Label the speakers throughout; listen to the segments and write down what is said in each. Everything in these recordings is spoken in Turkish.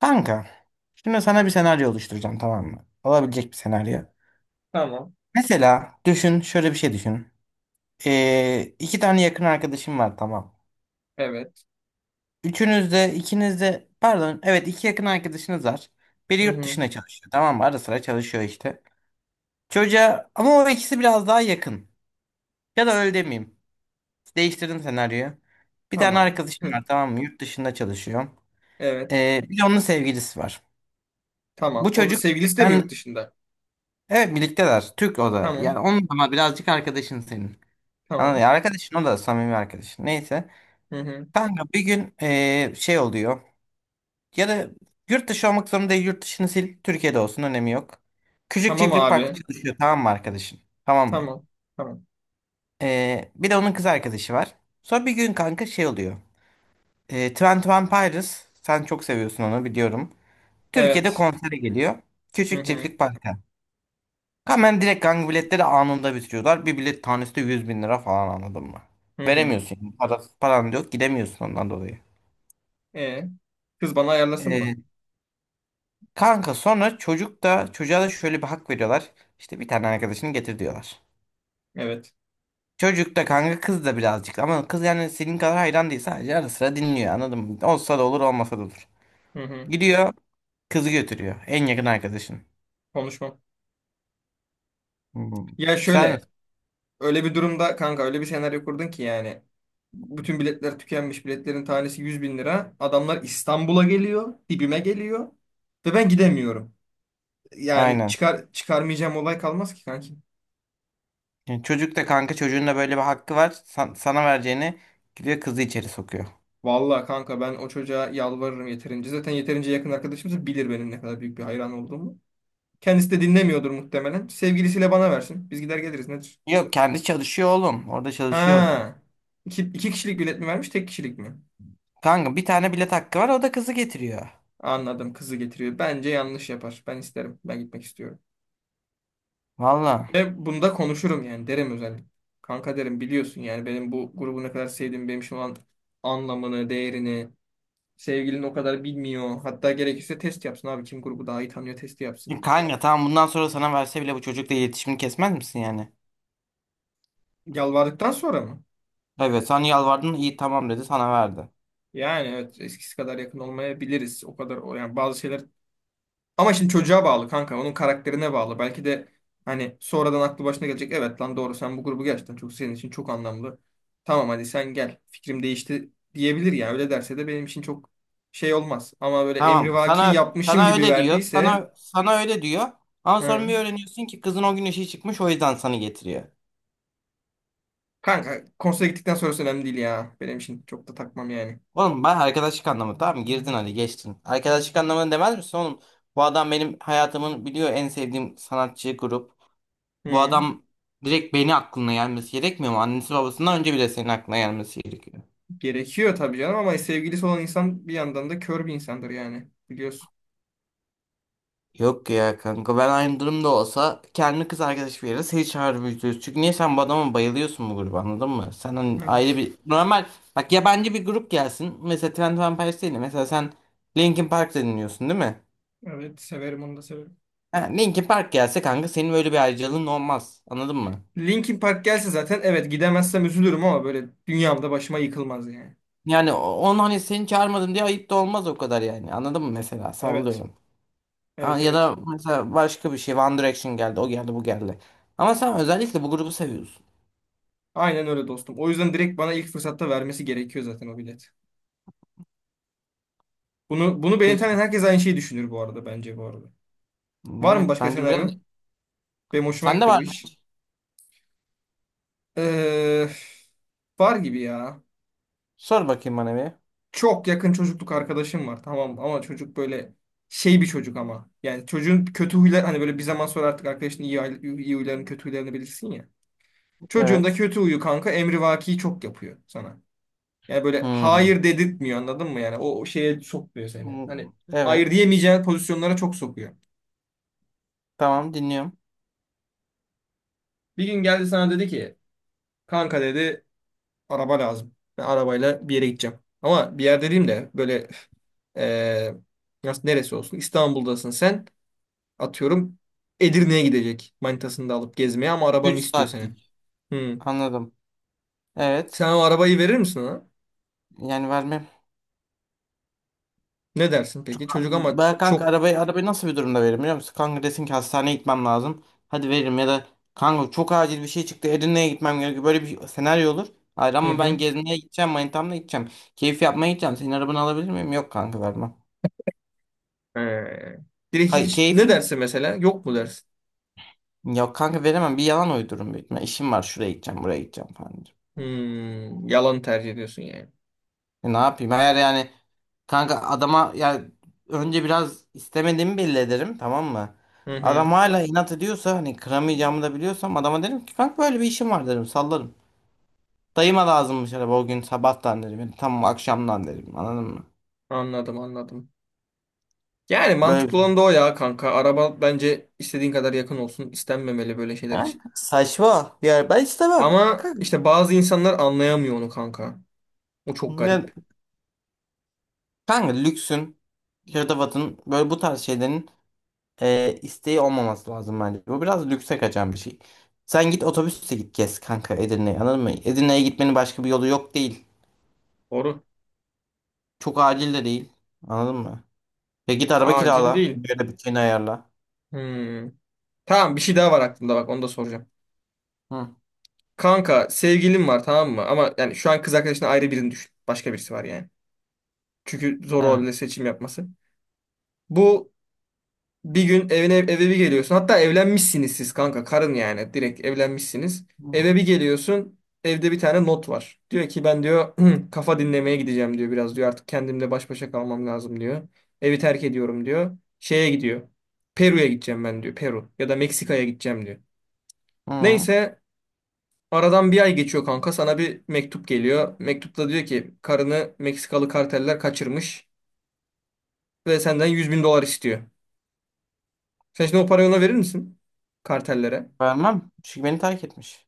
Speaker 1: Kanka, şimdi sana bir senaryo oluşturacağım tamam mı? Olabilecek bir senaryo.
Speaker 2: Tamam.
Speaker 1: Mesela düşün, şöyle bir şey düşün. İki tane yakın arkadaşım var tamam.
Speaker 2: Evet.
Speaker 1: Üçünüz de, ikiniz de, pardon, evet iki yakın arkadaşınız var. Biri
Speaker 2: Hı
Speaker 1: yurt
Speaker 2: hı.
Speaker 1: dışına çalışıyor tamam mı? Ara sıra çalışıyor işte. Çocuğa, ama o ikisi biraz daha yakın. Ya da öyle demeyeyim. Değiştirdim senaryoyu. Bir tane
Speaker 2: Tamam.
Speaker 1: arkadaşım
Speaker 2: Hı.
Speaker 1: var tamam mı? Yurt dışında çalışıyor.
Speaker 2: Evet.
Speaker 1: Bir de onun sevgilisi var. Bu
Speaker 2: Tamam. O da
Speaker 1: çocuk,
Speaker 2: sevgilisi de mi yurt
Speaker 1: ben
Speaker 2: dışında?
Speaker 1: evet birlikteler. Türk o da.
Speaker 2: Tamam.
Speaker 1: Yani onun ama birazcık arkadaşın senin. Anladın
Speaker 2: Tamam.
Speaker 1: ya? Arkadaşın o da samimi arkadaşın. Neyse.
Speaker 2: Hı hı.
Speaker 1: Kanka bir gün şey oluyor. Ya da yurt dışı olmak zorunda değil. Yurt dışını sil. Türkiye'de olsun. Önemi yok. Küçük
Speaker 2: Tamam
Speaker 1: çiftlik parkta
Speaker 2: abi.
Speaker 1: çalışıyor. Tamam mı arkadaşın? Tamam mı?
Speaker 2: Tamam. Tamam.
Speaker 1: Bir de onun kız arkadaşı var. Sonra bir gün kanka şey oluyor. Twenty One Pilots. Sen çok seviyorsun onu biliyorum. Türkiye'de
Speaker 2: Evet.
Speaker 1: konsere geliyor.
Speaker 2: Hı
Speaker 1: Küçük
Speaker 2: hı.
Speaker 1: çiftlik parkta. Hemen direkt kanka biletleri anında bitiriyorlar. Bir bilet tanesi de 100 bin lira falan anladın mı?
Speaker 2: Hı hı.
Speaker 1: Veremiyorsun yani. Paran da yok gidemiyorsun ondan dolayı.
Speaker 2: E, Kız bana ayarlasın
Speaker 1: Ee,
Speaker 2: mı?
Speaker 1: kanka sonra çocuk da çocuğa da şöyle bir hak veriyorlar. İşte bir tane arkadaşını getir diyorlar.
Speaker 2: Evet.
Speaker 1: Çocuk da kanka kız da birazcık ama kız yani senin kadar hayran değil sadece ara sıra dinliyor anladın mı? Olsa da olur olmasa da olur.
Speaker 2: Hı hı.
Speaker 1: Gidiyor kızı götürüyor en yakın arkadaşın.
Speaker 2: Konuşmam.
Speaker 1: Hmm.
Speaker 2: Ya
Speaker 1: Güzel mi?
Speaker 2: şöyle, öyle bir durumda kanka öyle bir senaryo kurdun ki yani bütün biletler tükenmiş. Biletlerin tanesi 100 bin lira. Adamlar İstanbul'a geliyor, dibime geliyor ve ben gidemiyorum. Yani
Speaker 1: Aynen.
Speaker 2: çıkar çıkarmayacağım olay kalmaz ki kanki.
Speaker 1: Yani çocuk da kanka çocuğun da böyle bir hakkı var. Sana vereceğini gidiyor kızı içeri sokuyor.
Speaker 2: Vallahi kanka ben o çocuğa yalvarırım yeterince. Zaten yeterince yakın arkadaşımız bilir benim ne kadar büyük bir hayran olduğumu. Kendisi de dinlemiyordur muhtemelen. Sevgilisiyle bana versin. Biz gider geliriz nedir?
Speaker 1: Yok kendi çalışıyor oğlum. Orada çalışıyor o gün.
Speaker 2: Ha. İki kişilik bilet mi vermiş, tek kişilik mi?
Speaker 1: Kanka bir tane bilet hakkı var o da kızı getiriyor.
Speaker 2: Anladım. Kızı getiriyor. Bence yanlış yapar. Ben isterim. Ben gitmek istiyorum.
Speaker 1: Valla.
Speaker 2: Ve bunda konuşurum yani. Derim özellikle. Kanka derim biliyorsun yani benim bu grubu ne kadar sevdiğimi, benim şu an anlamını, değerini sevgilin o kadar bilmiyor. Hatta gerekirse test yapsın abi. Kim grubu daha iyi tanıyor testi
Speaker 1: Şimdi
Speaker 2: yapsın.
Speaker 1: kanka tamam bundan sonra sana verse bile bu çocukla iletişimini kesmez misin yani?
Speaker 2: Yalvardıktan sonra mı?
Speaker 1: Evet sen yalvardın iyi tamam dedi sana verdi.
Speaker 2: Yani evet eskisi kadar yakın olmayabiliriz. O kadar o yani bazı şeyler ama şimdi çocuğa bağlı kanka. Onun karakterine bağlı. Belki de hani sonradan aklı başına gelecek. Evet lan doğru sen bu grubu gerçekten çok senin için çok anlamlı. Tamam hadi sen gel. Fikrim değişti diyebilir ya. Öyle derse de benim için çok şey olmaz. Ama böyle
Speaker 1: Tamam
Speaker 2: emrivaki
Speaker 1: sana
Speaker 2: yapmışım
Speaker 1: sana
Speaker 2: gibi
Speaker 1: öyle diyor.
Speaker 2: verdiyse
Speaker 1: Sana öyle diyor. Ama sonra bir
Speaker 2: hı.
Speaker 1: öğreniyorsun ki kızın o gün işi çıkmış o yüzden sana getiriyor.
Speaker 2: Kanka konsere gittikten sonrası önemli değil ya. Benim için çok da takmam yani.
Speaker 1: Oğlum ben arkadaşlık anlamı tamam mı? Girdin hadi geçtin. Arkadaşlık anlamını demez misin oğlum? Bu adam benim hayatımın biliyor en sevdiğim sanatçı grup. Bu
Speaker 2: Hı.
Speaker 1: adam direkt beni aklına gelmesi gerekmiyor mu? Annesi babasından önce bile senin aklına gelmesi gerekiyor.
Speaker 2: Gerekiyor tabii canım ama sevgilisi olan insan bir yandan da kör bir insandır yani. Biliyorsun.
Speaker 1: Yok ya kanka ben aynı durumda olsa kendi kız arkadaş bir yere seni çağırıp üzülürüz. Çünkü niye sen bu adama bayılıyorsun bu gruba anladın mı? Sen hani ayrı
Speaker 2: Evet.
Speaker 1: bir normal bak yabancı bir grup gelsin. Mesela Twenty One Pilots değil de mesela sen Linkin Park dinliyorsun değil mi?
Speaker 2: Evet severim onu da severim.
Speaker 1: Ha, Linkin Park gelse kanka senin böyle bir ayrıcalığın olmaz anladın mı?
Speaker 2: Linkin Park gelse zaten evet gidemezsem üzülürüm ama böyle dünyamda başıma yıkılmaz yani.
Speaker 1: Yani onu hani seni çağırmadım diye ayıp da olmaz o kadar yani anladın mı mesela
Speaker 2: Evet.
Speaker 1: sallıyorum. Ha,
Speaker 2: Evet
Speaker 1: ya
Speaker 2: evet.
Speaker 1: da mesela başka bir şey One Direction geldi o geldi bu geldi. Ama sen özellikle bu grubu seviyorsun.
Speaker 2: Aynen öyle dostum. O yüzden direkt bana ilk fırsatta vermesi gerekiyor zaten o bilet. Bunu beni tanıyan
Speaker 1: Peki.
Speaker 2: herkes aynı şeyi düşünür bu arada bence bu arada. Var mı
Speaker 1: Evet
Speaker 2: başka
Speaker 1: bence biraz.
Speaker 2: senaryon? Benim hoşuma
Speaker 1: Sende
Speaker 2: gitti
Speaker 1: var
Speaker 2: bu
Speaker 1: mı?
Speaker 2: iş. Ee, Var gibi ya.
Speaker 1: Sor bakayım bana bir.
Speaker 2: Çok yakın çocukluk arkadaşım var tamam mı? Ama çocuk böyle şey bir çocuk ama. Yani çocuğun kötü huylar hani böyle bir zaman sonra artık arkadaşın iyi, iyi huylarını kötü huylarını bilirsin ya. Çocuğun da
Speaker 1: Evet.
Speaker 2: kötü huyu kanka emrivaki çok yapıyor sana. Yani böyle
Speaker 1: Hmm.
Speaker 2: hayır dedirtmiyor anladın mı yani o şeye sokmuyor seni.
Speaker 1: Hmm.
Speaker 2: Hani hayır
Speaker 1: Evet.
Speaker 2: diyemeyeceğin pozisyonlara çok sokuyor.
Speaker 1: Tamam dinliyorum.
Speaker 2: Bir gün geldi sana dedi ki kanka dedi araba lazım. Ben arabayla bir yere gideceğim. Ama bir yer dediğim de böyle eee, nasıl neresi olsun, İstanbul'dasın sen. Atıyorum Edirne'ye gidecek manitasını da alıp gezmeye ama arabanı
Speaker 1: 3
Speaker 2: istiyor senin.
Speaker 1: saatlik.
Speaker 2: Hmm.
Speaker 1: Anladım. Evet.
Speaker 2: Sen o arabayı verir misin ona?
Speaker 1: Yani vermem.
Speaker 2: Ne dersin peki? Çocuk ama
Speaker 1: Ben kanka
Speaker 2: çok...
Speaker 1: arabayı, arabayı nasıl bir durumda veririm biliyor musun? Kanka desin ki hastaneye gitmem lazım. Hadi veririm ya da kanka çok acil bir şey çıktı Edirne'ye gitmem gerekiyor. Böyle bir senaryo olur. Hayır
Speaker 2: Hı
Speaker 1: ama ben
Speaker 2: hı.
Speaker 1: gezmeye gideceğim manitamla gideceğim. Keyif yapmaya gideceğim. Senin arabanı alabilir miyim? Yok kanka vermem.
Speaker 2: Ee, Direkt
Speaker 1: Kay
Speaker 2: hiç ne
Speaker 1: keyfin?
Speaker 2: derse mesela yok mu dersin?
Speaker 1: Yok kanka veremem. Bir yalan uydururum büyük ihtimalle. İşim var şuraya gideceğim buraya gideceğim falan.
Speaker 2: Hmm, yalan tercih ediyorsun yani.
Speaker 1: Ne yapayım? Eğer yani kanka adama ya önce biraz istemediğimi belli ederim tamam mı?
Speaker 2: Hı hı.
Speaker 1: Adam hala inat ediyorsa hani kıramayacağımı da biliyorsam adama derim ki kanka böyle bir işim var derim sallarım. Dayıma lazımmış araba o gün sabahtan derim. Yani tam akşamdan derim anladın mı?
Speaker 2: Anladım, anladım. Yani
Speaker 1: Böyle bir-
Speaker 2: mantıklı olan da o ya kanka. Araba bence istediğin kadar yakın olsun, İstenmemeli böyle şeyler
Speaker 1: Ya,
Speaker 2: için.
Speaker 1: saçma bir yer ben istemem.
Speaker 2: Ama
Speaker 1: Kanka,
Speaker 2: işte bazı insanlar anlayamıyor onu kanka. O çok
Speaker 1: ne,
Speaker 2: garip.
Speaker 1: kanka lüksün, hırdavatın böyle bu tarz şeylerin isteği olmaması lazım bence. Bu biraz lükse kaçan bir şey. Sen git otobüsle git gez kanka Edirne'ye anladın mı? Edirne'ye gitmenin başka bir yolu yok değil.
Speaker 2: Doğru.
Speaker 1: Çok acil de değil. Anladın mı? Ya git araba
Speaker 2: Acil
Speaker 1: kirala.
Speaker 2: değil.
Speaker 1: Böyle bütçeni ayarla.
Speaker 2: Hmm. Tamam, bir şey daha var aklımda, bak onu da soracağım.
Speaker 1: Hı,
Speaker 2: Kanka sevgilin var tamam mı? Ama yani şu an kız arkadaşına ayrı birini düşün. Başka birisi var yani. Çünkü zor olabilir
Speaker 1: evet.
Speaker 2: seçim yapması. Bu bir gün evine, eve bir geliyorsun. Hatta evlenmişsiniz siz kanka, karın yani, direkt evlenmişsiniz. Eve
Speaker 1: Hı.
Speaker 2: bir geliyorsun. Evde bir tane not var. Diyor ki ben diyor kafa dinlemeye gideceğim diyor biraz diyor. Artık kendimle baş başa kalmam lazım diyor. Evi terk ediyorum diyor. Şeye gidiyor. Peru'ya gideceğim ben diyor. Peru ya da Meksika'ya gideceğim diyor.
Speaker 1: Hı.
Speaker 2: Neyse, aradan bir ay geçiyor kanka. Sana bir mektup geliyor. Mektupta diyor ki karını Meksikalı karteller kaçırmış ve senden 100 bin dolar istiyor. Sen şimdi o parayı ona verir misin? Kartellere.
Speaker 1: Vermem. Çünkü beni terk etmiş.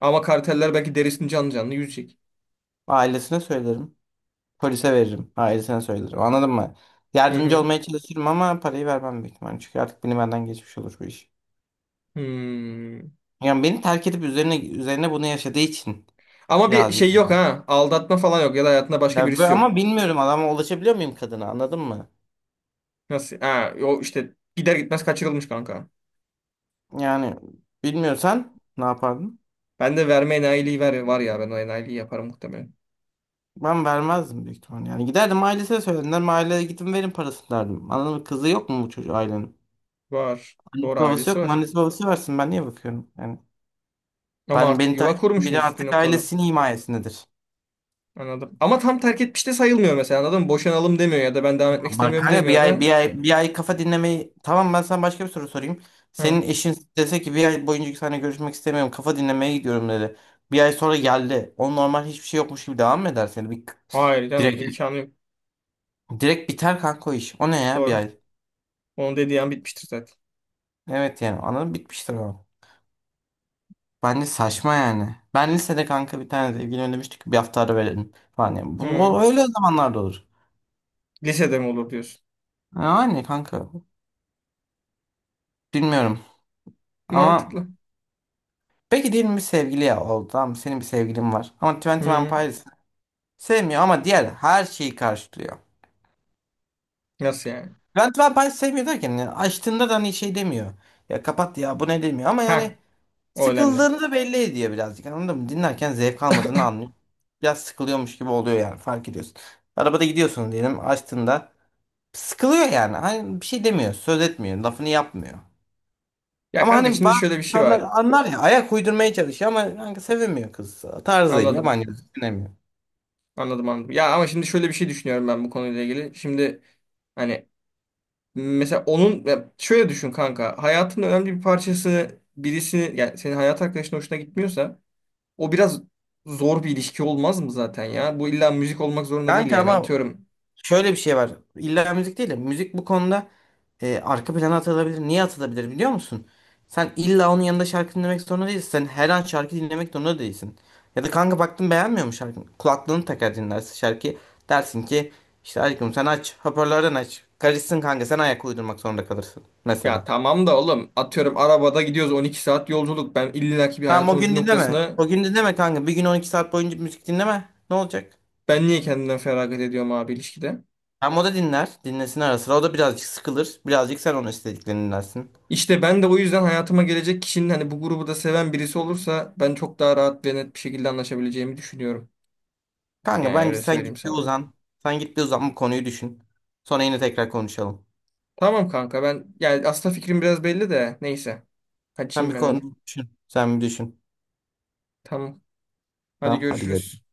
Speaker 2: Ama karteller belki derisini canlı canlı yüzecek.
Speaker 1: Ailesine söylerim. Polise veririm. Ailesine söylerim. Anladın mı?
Speaker 2: Hı
Speaker 1: Yardımcı
Speaker 2: hı.
Speaker 1: olmaya çalışırım ama parayı vermem büyük ihtimalle. Çünkü artık beni benden geçmiş olur bu iş.
Speaker 2: Hmm.
Speaker 1: Yani beni terk edip üzerine üzerine bunu yaşadığı için
Speaker 2: Ama bir
Speaker 1: birazcık
Speaker 2: şey yok ha. Aldatma falan yok ya da hayatında başka birisi yok.
Speaker 1: Ama bilmiyorum adama ulaşabiliyor muyum kadına anladın mı?
Speaker 2: Nasıl? Ha, o işte gider gitmez kaçırılmış kanka.
Speaker 1: Yani bilmiyorsan ne yapardın?
Speaker 2: Ben de verme enayiliği, ver, var ya ben o enayiliği yaparım muhtemelen.
Speaker 1: Ben vermezdim büyük ihtimal yani. Giderdim ailesine söylerdim. Derim, aileye gidin verin parasını derdim. Anladın mı? Kızı yok mu bu çocuğu ailenin?
Speaker 2: Var.
Speaker 1: Annesi
Speaker 2: Doğru,
Speaker 1: babası
Speaker 2: ailesi
Speaker 1: yok mu?
Speaker 2: var.
Speaker 1: Annesi babası versin ben niye bakıyorum? Yani
Speaker 2: Ama
Speaker 1: ben
Speaker 2: artık
Speaker 1: beni
Speaker 2: yuva
Speaker 1: takip eden biri
Speaker 2: kurmuşsunuz bir
Speaker 1: artık
Speaker 2: noktada.
Speaker 1: ailesinin himayesindedir.
Speaker 2: Anladım. Ama tam terk etmiş de sayılmıyor mesela anladın mı? Boşanalım demiyor ya da ben devam etmek
Speaker 1: Bak
Speaker 2: istemiyorum
Speaker 1: kanka bir
Speaker 2: demiyor
Speaker 1: ay
Speaker 2: da.
Speaker 1: bir ay bir ay kafa dinlemeyi tamam ben sana başka bir soru sorayım. Senin
Speaker 2: Hı.
Speaker 1: eşin dese ki bir ay boyunca seninle görüşmek istemiyorum kafa dinlemeye gidiyorum dedi. Bir ay sonra geldi. O normal hiçbir şey yokmuş gibi devam mı edersin? Yani bir,
Speaker 2: Hayır canım,
Speaker 1: direkt
Speaker 2: imkanı yok.
Speaker 1: direkt biter kanka o iş. O ne ya bir
Speaker 2: Doğru.
Speaker 1: ay?
Speaker 2: Onun dediği an bitmiştir zaten.
Speaker 1: Evet yani anladım bitmiştir o. Bence saçma yani. Ben lisede kanka bir tane sevgili ödemiştik bir hafta ara verelim falan. Yani bu
Speaker 2: Hı.
Speaker 1: öyle zamanlarda olur.
Speaker 2: Lisede mi olur diyorsun?
Speaker 1: Yani kanka bilmiyorum ama
Speaker 2: Mantıklı.
Speaker 1: peki diyelim bir sevgili oldu tamam mı? Senin bir sevgilin var. Ama Twenty One
Speaker 2: Hı.
Speaker 1: sevmiyor ama diğer her şeyi karşılıyor.
Speaker 2: Nasıl yani?
Speaker 1: Twenty One Pilots sevmiyor derken yani açtığında da hani şey demiyor. Ya kapat ya bu ne demiyor ama yani
Speaker 2: Ha, o önemli.
Speaker 1: sıkıldığını da belli ediyor birazcık anladın mı? Dinlerken zevk almadığını anlıyor. Biraz sıkılıyormuş gibi oluyor yani fark ediyorsun. Arabada gidiyorsun diyelim açtığında sıkılıyor yani. Hani bir şey demiyor, söz etmiyor, lafını yapmıyor.
Speaker 2: Ya
Speaker 1: Ama
Speaker 2: kanka
Speaker 1: hani
Speaker 2: şimdi
Speaker 1: bazı
Speaker 2: şöyle bir şey
Speaker 1: insanlar
Speaker 2: var.
Speaker 1: anlar ya ayak uydurmaya çalışıyor ama kanka sevemiyor kız. Tarzıyla
Speaker 2: Anladım.
Speaker 1: yabancı düşünemiyor.
Speaker 2: Anladım, anladım. Ya ama şimdi şöyle bir şey düşünüyorum ben bu konuyla ilgili. Şimdi hani mesela onun, ya şöyle düşün kanka. Hayatının önemli bir parçası birisi, yani senin hayat arkadaşın hoşuna gitmiyorsa o biraz zor bir ilişki olmaz mı zaten ya? Bu illa müzik olmak zorunda değil
Speaker 1: Kanka
Speaker 2: yani,
Speaker 1: ama
Speaker 2: atıyorum.
Speaker 1: şöyle bir şey var. İlla müzik değil de müzik bu konuda arka plana atılabilir. Niye atılabilir biliyor musun? Sen illa onun yanında şarkı dinlemek zorunda değilsin. Sen her an şarkı dinlemek zorunda değilsin. Ya da kanka baktın beğenmiyor mu şarkını? Kulaklığını takar dinlersin şarkıyı. Dersin ki işte aşkım sen aç. Hoparlörden aç. Karışsın kanka sen ayak uydurmak zorunda kalırsın. Mesela.
Speaker 2: Ya tamam da oğlum, atıyorum arabada gidiyoruz 12 saat yolculuk. Ben illaki bir
Speaker 1: Tamam o
Speaker 2: hayatımın bir
Speaker 1: gün dinleme.
Speaker 2: noktasına,
Speaker 1: O gün dinleme kanka. Bir gün 12 saat boyunca müzik dinleme. Ne olacak?
Speaker 2: ben niye kendimden feragat ediyorum abi ilişkide?
Speaker 1: Tamam o da dinler. Dinlesin ara sıra. O da birazcık sıkılır. Birazcık sen onun istediklerini dinlersin.
Speaker 2: İşte ben de o yüzden hayatıma gelecek kişinin hani bu grubu da seven birisi olursa ben çok daha rahat ve net bir şekilde anlaşabileceğimi düşünüyorum.
Speaker 1: Kanka
Speaker 2: Yani
Speaker 1: bence
Speaker 2: öyle
Speaker 1: sen
Speaker 2: söyleyeyim
Speaker 1: git bir
Speaker 2: sana.
Speaker 1: uzan. Sen git bir uzan bu konuyu düşün. Sonra yine tekrar konuşalım.
Speaker 2: Tamam kanka, ben yani aslında fikrim biraz belli de neyse.
Speaker 1: Sen bir
Speaker 2: Kaçayım ben hadi.
Speaker 1: konu düşün. Sen bir düşün.
Speaker 2: Tamam. Hadi
Speaker 1: Tamam hadi görüşürüz.
Speaker 2: görüşürüz.